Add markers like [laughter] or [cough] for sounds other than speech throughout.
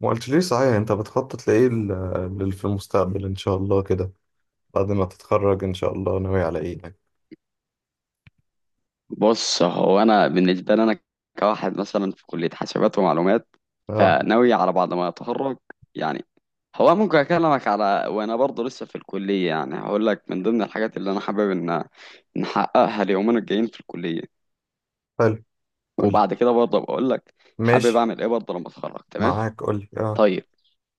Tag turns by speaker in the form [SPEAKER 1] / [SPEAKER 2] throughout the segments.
[SPEAKER 1] ما قلت ليه، صحيح انت بتخطط لايه في المستقبل ان شاء الله كده، بعد ما تتخرج ان شاء الله، ناوي على ايه يعني؟
[SPEAKER 2] بص هو انا بالنسبه لي انا كواحد مثلا في كليه حاسبات ومعلومات،
[SPEAKER 1] اه.
[SPEAKER 2] فناوي على بعد ما اتخرج. يعني هو ممكن اكلمك على وانا برضه لسه في الكليه، يعني هقول لك من ضمن الحاجات اللي انا حابب ان نحققها اليومين الجايين في الكليه،
[SPEAKER 1] حلو. قول لي.
[SPEAKER 2] وبعد كده برضه بقول لك حابب
[SPEAKER 1] ماشي.
[SPEAKER 2] اعمل ايه برضه لما اتخرج. تمام.
[SPEAKER 1] معاك، قول لي اه.
[SPEAKER 2] طيب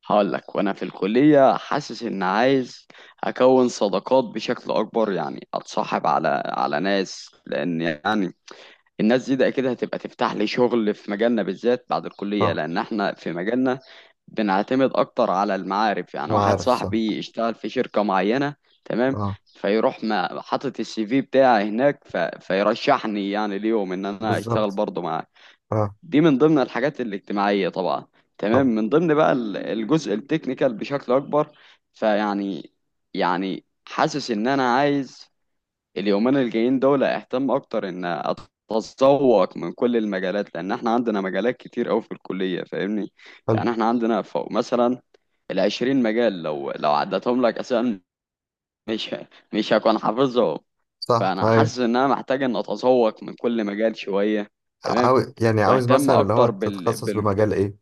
[SPEAKER 2] هقول لك وانا في الكليه، حاسس ان عايز اكون صداقات بشكل اكبر، يعني اتصاحب على ناس، لان يعني الناس دي ده اكيد هتبقى تفتح لي شغل في مجالنا بالذات بعد الكلية،
[SPEAKER 1] صح.
[SPEAKER 2] لان احنا في مجالنا بنعتمد اكتر على المعارف. يعني
[SPEAKER 1] ما
[SPEAKER 2] واحد
[SPEAKER 1] عارف، صح.
[SPEAKER 2] صاحبي يشتغل في شركة معينة، تمام،
[SPEAKER 1] اه،
[SPEAKER 2] فيروح ما حاطط السي في بتاعي هناك فيرشحني يعني ليهم ان انا اشتغل
[SPEAKER 1] بالظبط.
[SPEAKER 2] برضه معاه.
[SPEAKER 1] اه.
[SPEAKER 2] دي من ضمن الحاجات الاجتماعية طبعا. تمام،
[SPEAKER 1] طب.
[SPEAKER 2] من ضمن بقى الجزء التكنيكال بشكل اكبر، فيعني يعني حاسس ان انا عايز اليومين الجايين دول اهتم اكتر ان اتذوق من كل المجالات، لان احنا عندنا مجالات كتير قوي في الكليه، فاهمني؟
[SPEAKER 1] حلو.
[SPEAKER 2] يعني احنا عندنا فوق مثلا العشرين مجال، لو عدتهم لك اساسا مش مش هكون حافظهم.
[SPEAKER 1] صح.
[SPEAKER 2] فانا
[SPEAKER 1] هاي.
[SPEAKER 2] حاسس ان انا محتاج ان اتذوق من كل مجال شويه، تمام،
[SPEAKER 1] عاوز يعني، عاوز
[SPEAKER 2] واهتم
[SPEAKER 1] مثلا اللي هو
[SPEAKER 2] اكتر
[SPEAKER 1] تتخصص بمجال ايه؟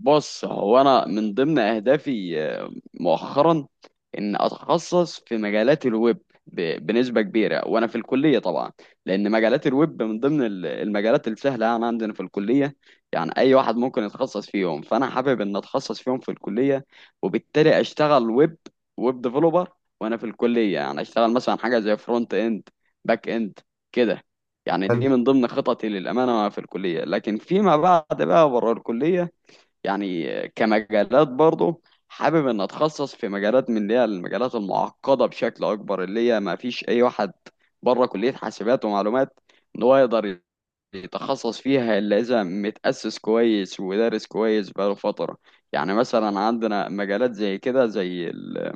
[SPEAKER 2] بص، هو انا من ضمن اهدافي مؤخرا ان اتخصص في مجالات الويب بنسبه كبيره وانا في الكليه طبعا، لان مجالات الويب من ضمن المجالات السهله يعني عندنا في الكليه، يعني اي واحد ممكن يتخصص فيهم. فانا حابب ان اتخصص فيهم في الكليه، وبالتالي اشتغل ويب، ويب ديفلوبر، وانا في الكليه يعني اشتغل مثلا حاجه زي فرونت اند، باك اند كده. يعني دي
[SPEAKER 1] حلو.
[SPEAKER 2] من ضمن خططي للامانه وانا في الكليه، لكن فيما بعد بقى بره الكليه، يعني كمجالات برضه حابب ان اتخصص في مجالات من اللي هي المجالات المعقده بشكل اكبر، اللي هي ما فيش اي واحد بره كليه حاسبات ومعلومات ان هو يقدر يتخصص فيها الا اذا متاسس كويس ودارس كويس بقاله فتره. يعني مثلا عندنا مجالات زي كده، زي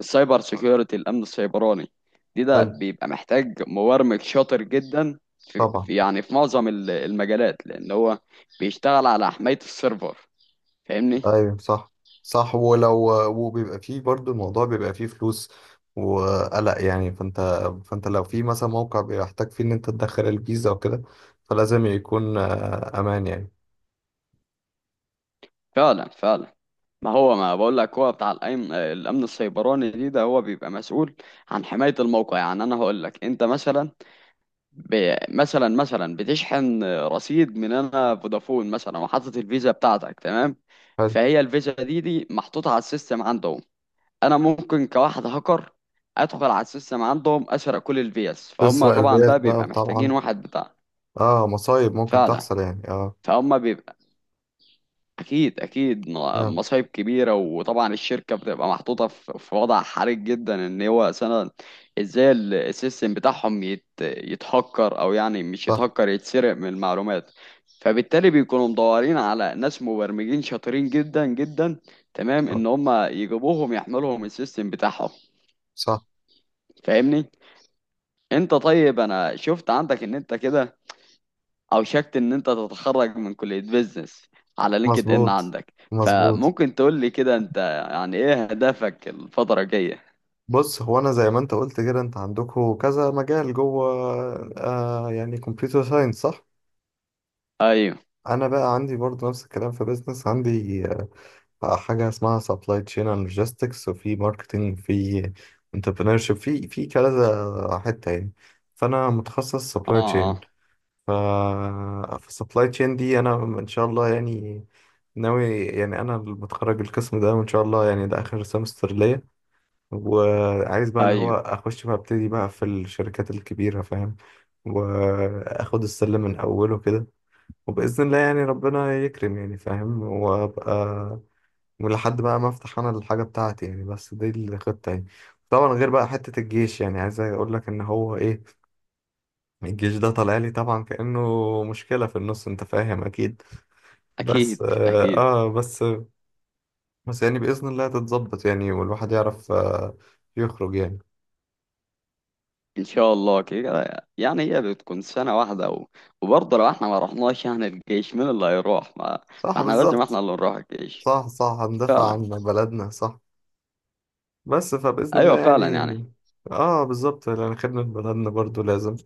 [SPEAKER 2] السايبر سيكيورتي، الامن السيبراني، دي ده
[SPEAKER 1] حلو.
[SPEAKER 2] بيبقى محتاج مبرمج شاطر جدا
[SPEAKER 1] طبعا.
[SPEAKER 2] يعني في معظم المجالات، لان هو بيشتغل على حمايه السيرفر، فاهمني؟
[SPEAKER 1] ايوه صح. صح، ولو. وبيبقى فيه برضو، الموضوع بيبقى فيه فلوس وقلق يعني. فانت لو في مثلا موقع بيحتاج فيه ان انت تدخل الفيزا وكده، فلازم يكون امان يعني.
[SPEAKER 2] فعلا فعلا. ما هو ما بقول لك، هو بتاع الأمن، الأمن السيبراني دي، ده هو بيبقى مسؤول عن حماية الموقع. يعني أنا هقول لك، أنت مثلا مثلا مثلا بتشحن رصيد من أنا فودافون مثلا، وحاطط الفيزا بتاعتك، تمام،
[SPEAKER 1] حلو.
[SPEAKER 2] فهي الفيزا دي دي محطوطة على السيستم عندهم. أنا ممكن كواحد هاكر أدخل على السيستم عندهم، أسرق كل الفيز، فهم
[SPEAKER 1] تسرق
[SPEAKER 2] طبعا
[SPEAKER 1] الفيز
[SPEAKER 2] بقى
[SPEAKER 1] بقى،
[SPEAKER 2] بيبقى محتاجين
[SPEAKER 1] طبعا.
[SPEAKER 2] واحد بتاع.
[SPEAKER 1] اه، مصايب ممكن
[SPEAKER 2] فعلا.
[SPEAKER 1] تحصل يعني، اه.
[SPEAKER 2] فهم بيبقى اكيد اكيد
[SPEAKER 1] آه،
[SPEAKER 2] مصايب كبيره، وطبعا الشركه بتبقى محطوطه في وضع حرج جدا. ان هو مثلا ازاي السيستم بتاعهم يتهكر، او يعني مش
[SPEAKER 1] صح.
[SPEAKER 2] يتهكر، يتسرق من المعلومات. فبالتالي بيكونوا مدورين على ناس مبرمجين شاطرين جدا جدا، تمام،
[SPEAKER 1] صح.
[SPEAKER 2] ان هم يجيبوهم يحملهم السيستم بتاعهم،
[SPEAKER 1] صح.
[SPEAKER 2] فاهمني؟ انت طيب، انا شفت عندك ان انت كده، او شكت ان انت تتخرج من كلية بيزنس على لينكد ان
[SPEAKER 1] مظبوط.
[SPEAKER 2] عندك،
[SPEAKER 1] مظبوط.
[SPEAKER 2] فممكن تقول لي كده انت يعني ايه هدفك الفترة الجاية؟
[SPEAKER 1] بص، هو انا زي ما انت قلت كده، انت عندكم كذا مجال جوه. آه يعني كمبيوتر ساينس، صح؟
[SPEAKER 2] ايوه.
[SPEAKER 1] انا بقى عندي برضو نفس الكلام في بيزنس. عندي حاجة اسمها سبلاي تشين اند لوجيستكس، وفي ماركتنج، في انتربرينورشيب، في كذا حتة يعني. فأنا متخصص سبلاي
[SPEAKER 2] اه
[SPEAKER 1] تشين.
[SPEAKER 2] اه.
[SPEAKER 1] ف فالسبلاي تشين دي أنا إن شاء الله يعني ناوي يعني، أنا متخرج القسم ده، وإن شاء الله يعني ده آخر سمستر ليا. وعايز بقى اللي هو
[SPEAKER 2] ايوه.
[SPEAKER 1] أخش بقى، أبتدي بقى في الشركات الكبيرة، فاهم. وآخد السلم من أوله كده، وبإذن الله يعني ربنا يكرم يعني، فاهم، وأبقى ولحد بقى ما افتح انا الحاجه بتاعتي يعني، بس دي الخطه يعني. طبعا غير بقى حته الجيش، يعني عايز اقول لك ان هو ايه، الجيش ده طالع لي طبعا كانه مشكله في النص، انت فاهم اكيد. بس
[SPEAKER 2] اكيد
[SPEAKER 1] اه
[SPEAKER 2] اكيد.
[SPEAKER 1] آه، بس بس يعني باذن الله تتظبط يعني، والواحد يعرف يخرج يعني.
[SPEAKER 2] ان شاء الله كده. يعني هي بتكون سنة واحدة وبرضه لو احنا ما رحناش يعني الجيش، مين اللي هيروح؟
[SPEAKER 1] صح،
[SPEAKER 2] ما احنا لازم
[SPEAKER 1] بالظبط.
[SPEAKER 2] احنا اللي نروح الجيش.
[SPEAKER 1] صح. صح، هندافع
[SPEAKER 2] فعلا.
[SPEAKER 1] عن بلدنا، صح. بس فباذن الله
[SPEAKER 2] ايوه
[SPEAKER 1] يعني.
[SPEAKER 2] فعلا يعني.
[SPEAKER 1] اه بالظبط، لان خدمه بلدنا برضو لازم.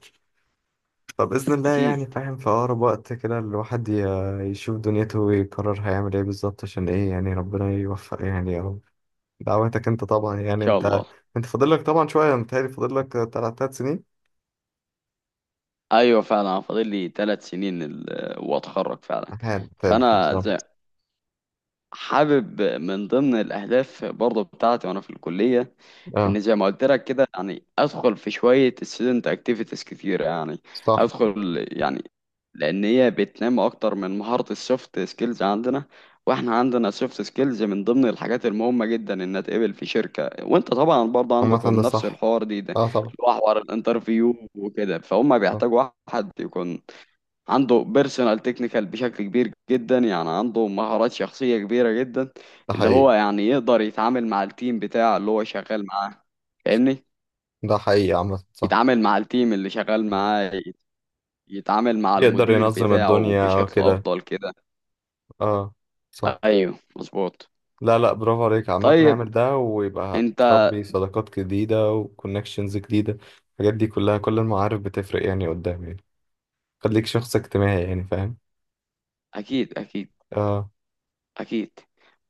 [SPEAKER 1] فبإذن الله
[SPEAKER 2] اكيد
[SPEAKER 1] يعني،
[SPEAKER 2] ان
[SPEAKER 1] فاهم، في أقرب وقت كده الواحد يشوف دنيته ويقرر هيعمل إيه بالظبط. عشان إيه يعني؟ ربنا يوفق يعني، يا رب. دعواتك أنت طبعا يعني.
[SPEAKER 2] شاء
[SPEAKER 1] أنت
[SPEAKER 2] الله.
[SPEAKER 1] أنت فاضل لك طبعا شوية، متهيألي فاضل لك تلات سنين.
[SPEAKER 2] ايوه فعلا، أنا فاضل لي 3 سنين واتخرج فعلا.
[SPEAKER 1] أحيانا تلات
[SPEAKER 2] فانا زي،
[SPEAKER 1] بالظبط.
[SPEAKER 2] حابب من ضمن الأهداف برضه بتاعتي وأنا في الكلية،
[SPEAKER 1] أه.
[SPEAKER 2] إن زي ما قلت لك كده، يعني أدخل في شوية student activities كتير. يعني
[SPEAKER 1] صح.
[SPEAKER 2] أدخل يعني، لأن هي بتنمي أكتر من مهارة السوفت سكيلز عندنا. وإحنا عندنا سوفت سكيلز من ضمن الحاجات المهمة جدا إنها تقبل في شركة، وأنت طبعا برضه
[SPEAKER 1] عامة
[SPEAKER 2] عندكم
[SPEAKER 1] ده
[SPEAKER 2] نفس
[SPEAKER 1] صح.
[SPEAKER 2] الحوار دي ده،
[SPEAKER 1] أه طبعا.
[SPEAKER 2] اللي هو حوار الانترفيو وكده، فهم
[SPEAKER 1] صح.
[SPEAKER 2] بيحتاجوا واحد يكون عنده بيرسونال تكنيكال بشكل كبير جدا، يعني عنده مهارات شخصية كبيرة جدا،
[SPEAKER 1] ده
[SPEAKER 2] اللي
[SPEAKER 1] حقيقي.
[SPEAKER 2] هو يعني يقدر يتعامل مع التيم بتاعه اللي هو شغال معاه، فاهمني؟
[SPEAKER 1] ده حقيقي، عامة صح.
[SPEAKER 2] يتعامل مع التيم اللي شغال معاه، يتعامل مع
[SPEAKER 1] يقدر
[SPEAKER 2] المدير
[SPEAKER 1] ينظم
[SPEAKER 2] بتاعه
[SPEAKER 1] الدنيا
[SPEAKER 2] بشكل
[SPEAKER 1] وكده.
[SPEAKER 2] أفضل كده.
[SPEAKER 1] أه. صح.
[SPEAKER 2] ايوه مظبوط.
[SPEAKER 1] لا لا، برافو عليك. عامة
[SPEAKER 2] طيب
[SPEAKER 1] اعمل ده، ويبقى
[SPEAKER 2] انت،
[SPEAKER 1] هتربي صداقات جديدة وكونكشنز جديدة. الحاجات دي كلها، كل المعارف بتفرق يعني قدام يعني. خليك شخص اجتماعي يعني، فاهم.
[SPEAKER 2] اكيد اكيد
[SPEAKER 1] اه.
[SPEAKER 2] اكيد.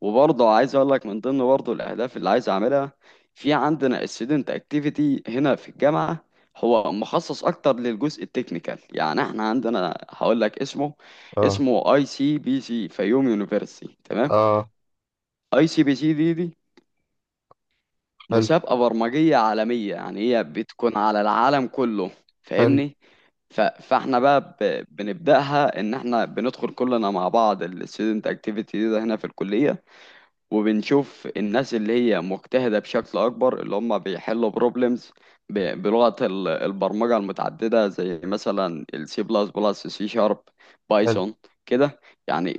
[SPEAKER 2] وبرضه عايز اقول لك من ضمن برضه الاهداف اللي عايز اعملها، في عندنا student activity هنا في الجامعه، هو مخصص اكتر للجزء التكنيكال. يعني احنا عندنا هقول لك اسمه،
[SPEAKER 1] اه.
[SPEAKER 2] اسمه اي سي بي سي فيوم يونيفرسيتي، تمام.
[SPEAKER 1] اه.
[SPEAKER 2] اي سي بي سي دي دي
[SPEAKER 1] حلو.
[SPEAKER 2] مسابقه برمجيه عالميه، يعني هي بتكون على العالم كله،
[SPEAKER 1] حلو.
[SPEAKER 2] فاهمني؟ فاحنا بقى بنبداها ان احنا بندخل كلنا مع بعض الستودنت اكتيفيتي ده هنا في الكليه، وبنشوف الناس اللي هي مجتهدة بشكل أكبر، اللي هم بيحلوا بروبلمز بلغة البرمجة المتعددة، زي مثلا السي بلس بلس، سي شارب،
[SPEAKER 1] حلو.
[SPEAKER 2] بايثون كده. يعني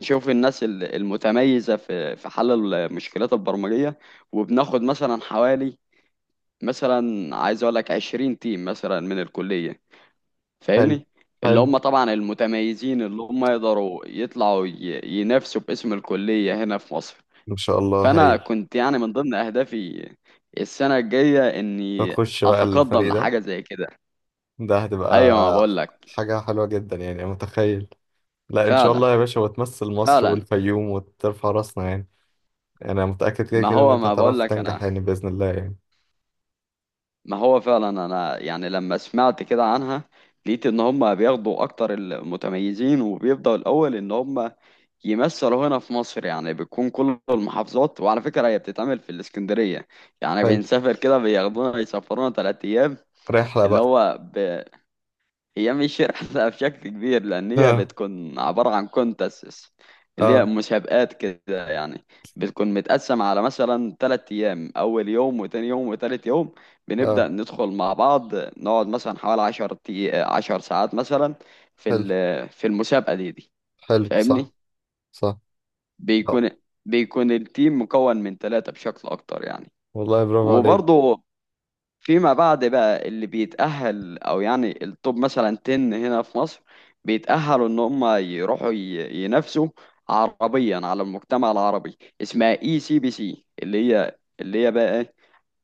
[SPEAKER 2] بنشوف الناس المتميزة في حل المشكلات البرمجية، وبناخد مثلا حوالي، مثلا عايز أقول لك 20 تيم مثلا من الكلية،
[SPEAKER 1] حلو.
[SPEAKER 2] فاهمني؟ اللي
[SPEAKER 1] حلو.
[SPEAKER 2] هم طبعا المتميزين، اللي هم يقدروا يطلعوا ينافسوا باسم الكلية هنا في مصر.
[SPEAKER 1] ان شاء الله
[SPEAKER 2] فانا
[SPEAKER 1] هايل.
[SPEAKER 2] كنت يعني من ضمن اهدافي السنه الجايه اني
[SPEAKER 1] نخش بقى
[SPEAKER 2] اتقدم
[SPEAKER 1] الفريق ده.
[SPEAKER 2] لحاجه زي كده.
[SPEAKER 1] ده هتبقى
[SPEAKER 2] ايوه ما بقول لك.
[SPEAKER 1] حاجة حلوة جدا يعني، أنا متخيل. لا ان شاء
[SPEAKER 2] فعلا
[SPEAKER 1] الله يا باشا، وتمثل مصر
[SPEAKER 2] فعلا.
[SPEAKER 1] والفيوم وترفع راسنا يعني. انا متأكد كده
[SPEAKER 2] ما
[SPEAKER 1] كده ان
[SPEAKER 2] هو
[SPEAKER 1] انت
[SPEAKER 2] ما بقول
[SPEAKER 1] هتعرف
[SPEAKER 2] لك انا،
[SPEAKER 1] تنجح يعني، بإذن الله يعني.
[SPEAKER 2] ما هو فعلا انا يعني لما سمعت كده عنها، لقيت ان هم بياخدوا اكتر المتميزين وبيبداوا الاول ان هم يمثلوا هنا في مصر، يعني بتكون كل المحافظات، وعلى فكره هي بتتعمل في الاسكندريه، يعني
[SPEAKER 1] حلو.
[SPEAKER 2] بنسافر كده، بياخدونا يسافرونا 3 ايام.
[SPEAKER 1] رحلة
[SPEAKER 2] اللي
[SPEAKER 1] بقى.
[SPEAKER 2] هو هي مش رحلة بشكل كبير، لأن هي
[SPEAKER 1] اه.
[SPEAKER 2] بتكون عبارة عن كونتسس، اللي هي
[SPEAKER 1] اه.
[SPEAKER 2] مسابقات كده يعني. بتكون متقسم على مثلا 3 أيام، أول يوم وتاني يوم وتالت يوم،
[SPEAKER 1] اه.
[SPEAKER 2] بنبدأ ندخل مع بعض نقعد مثلا حوالي 10 ساعات مثلا في
[SPEAKER 1] حلو.
[SPEAKER 2] في المسابقة دي دي،
[SPEAKER 1] حلو. صح.
[SPEAKER 2] فاهمني؟
[SPEAKER 1] صح. آه.
[SPEAKER 2] بيكون، بيكون التيم مكون من ثلاثة بشكل أكتر يعني.
[SPEAKER 1] والله برافو عليك.
[SPEAKER 2] وبرضه فيما بعد بقى، اللي بيتأهل أو يعني التوب مثلا 10 هنا في مصر بيتأهلوا إن هم يروحوا ينافسوا عربيا على المجتمع العربي، اسمها اي سي بي سي، اللي هي اللي هي بقى إيه؟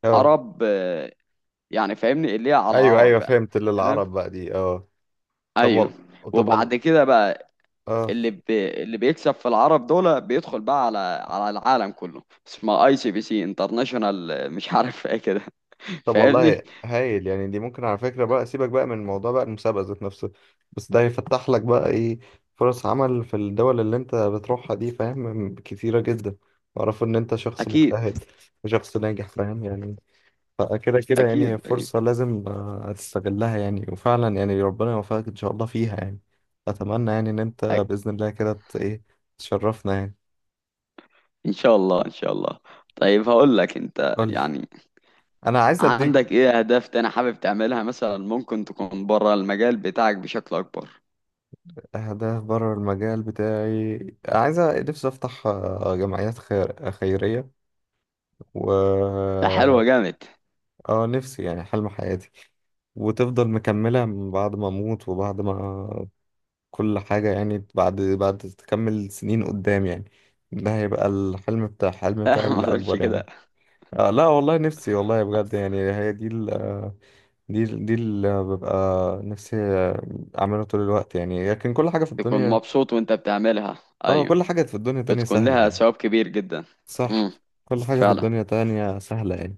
[SPEAKER 1] اه.
[SPEAKER 2] عرب يعني فاهمني اللي هي على
[SPEAKER 1] ايوه،
[SPEAKER 2] العرب
[SPEAKER 1] ايوه،
[SPEAKER 2] بقى.
[SPEAKER 1] فهمت اللي
[SPEAKER 2] تمام.
[SPEAKER 1] العرب بقى دي، اه. طب
[SPEAKER 2] ايوه.
[SPEAKER 1] وال... طب وال...
[SPEAKER 2] وبعد كده بقى
[SPEAKER 1] اه
[SPEAKER 2] اللي بيكسب في العرب دول بيدخل بقى على على العالم كله، اسمها اي سي بي سي انترناشونال، مش عارف ايه كده. [laughs]
[SPEAKER 1] طب والله
[SPEAKER 2] فاهمني.
[SPEAKER 1] هايل يعني. دي ممكن على فكرة، بقى سيبك بقى من موضوع بقى المسابقة ذات نفسه، بس ده هيفتح لك بقى ايه، فرص عمل في الدول اللي انت بتروحها دي، فاهم، كتيرة جدا. واعرف ان انت شخص
[SPEAKER 2] اكيد
[SPEAKER 1] مجتهد وشخص ناجح، فاهم يعني. فكده كده يعني
[SPEAKER 2] اكيد
[SPEAKER 1] هي
[SPEAKER 2] اكيد.
[SPEAKER 1] فرصة لازم تستغلها يعني، وفعلا يعني ربنا يوفقك إن شاء الله فيها يعني. أتمنى يعني إن أنت بإذن الله كده إيه، تشرفنا يعني.
[SPEAKER 2] ان شاء الله، ان شاء الله. طيب هقول لك انت
[SPEAKER 1] قولي.
[SPEAKER 2] يعني،
[SPEAKER 1] أنا عايز أديك.
[SPEAKER 2] عندك ايه اهداف تاني حابب تعملها؟ مثلا ممكن تكون بره المجال بتاعك بشكل اكبر.
[SPEAKER 1] أهداف بره المجال بتاعي؟ عايز أ- نفسي أفتح جمعيات خيرية و.
[SPEAKER 2] ده حلوة جامد.
[SPEAKER 1] آه نفسي يعني، حلم حياتي، وتفضل مكملة من بعد ما أموت، وبعد ما كل حاجة يعني، بعد تكمل سنين قدام يعني. ده هيبقى الحلم،
[SPEAKER 2] لا،
[SPEAKER 1] بتاعي
[SPEAKER 2] [laughs] ما تقولش
[SPEAKER 1] الأكبر يعني.
[SPEAKER 2] كده.
[SPEAKER 1] آه لا والله نفسي، والله بجد يعني، هي دي ال آه، دي ال دي اللي ببقى نفسي أعملها طول الوقت يعني. لكن كل حاجة في
[SPEAKER 2] تكون
[SPEAKER 1] الدنيا،
[SPEAKER 2] مبسوط وانت بتعملها.
[SPEAKER 1] اه،
[SPEAKER 2] ايوه،
[SPEAKER 1] كل حاجة في الدنيا تانية
[SPEAKER 2] بتكون
[SPEAKER 1] سهلة
[SPEAKER 2] لها
[SPEAKER 1] يعني.
[SPEAKER 2] ثواب كبير جدا.
[SPEAKER 1] صح.
[SPEAKER 2] امم
[SPEAKER 1] كل حاجة في
[SPEAKER 2] فعلا.
[SPEAKER 1] الدنيا تانية سهلة يعني.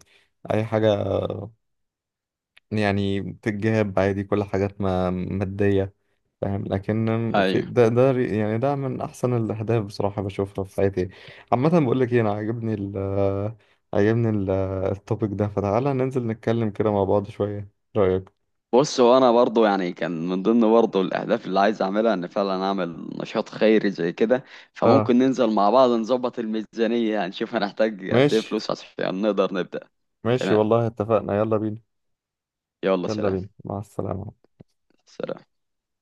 [SPEAKER 1] أي حاجة يعني بتتجاب عادي، كل حاجات ما مادية، فاهم، لكن في
[SPEAKER 2] ايوه.
[SPEAKER 1] يعني ده من احسن الاهداف بصراحه بشوفها في حياتي. عامه، بقول لك ايه، انا عاجبني ال- التوبيك ده، فتعالى ننزل نتكلم كده مع بعض شويه. رايك؟
[SPEAKER 2] بص، وانا برضو يعني كان من ضمن برضو الاهداف اللي عايز اعملها ان فعلا اعمل نشاط خيري زي كده،
[SPEAKER 1] اه،
[SPEAKER 2] فممكن ننزل مع بعض نظبط الميزانية، هنشوف هنحتاج قد ايه
[SPEAKER 1] ماشي،
[SPEAKER 2] فلوس عشان نقدر نبدأ.
[SPEAKER 1] ماشي.
[SPEAKER 2] تمام.
[SPEAKER 1] والله اتفقنا، يلا بينا.
[SPEAKER 2] يلا
[SPEAKER 1] يلا
[SPEAKER 2] سلام.
[SPEAKER 1] بينا، مع السلامه.
[SPEAKER 2] سلام.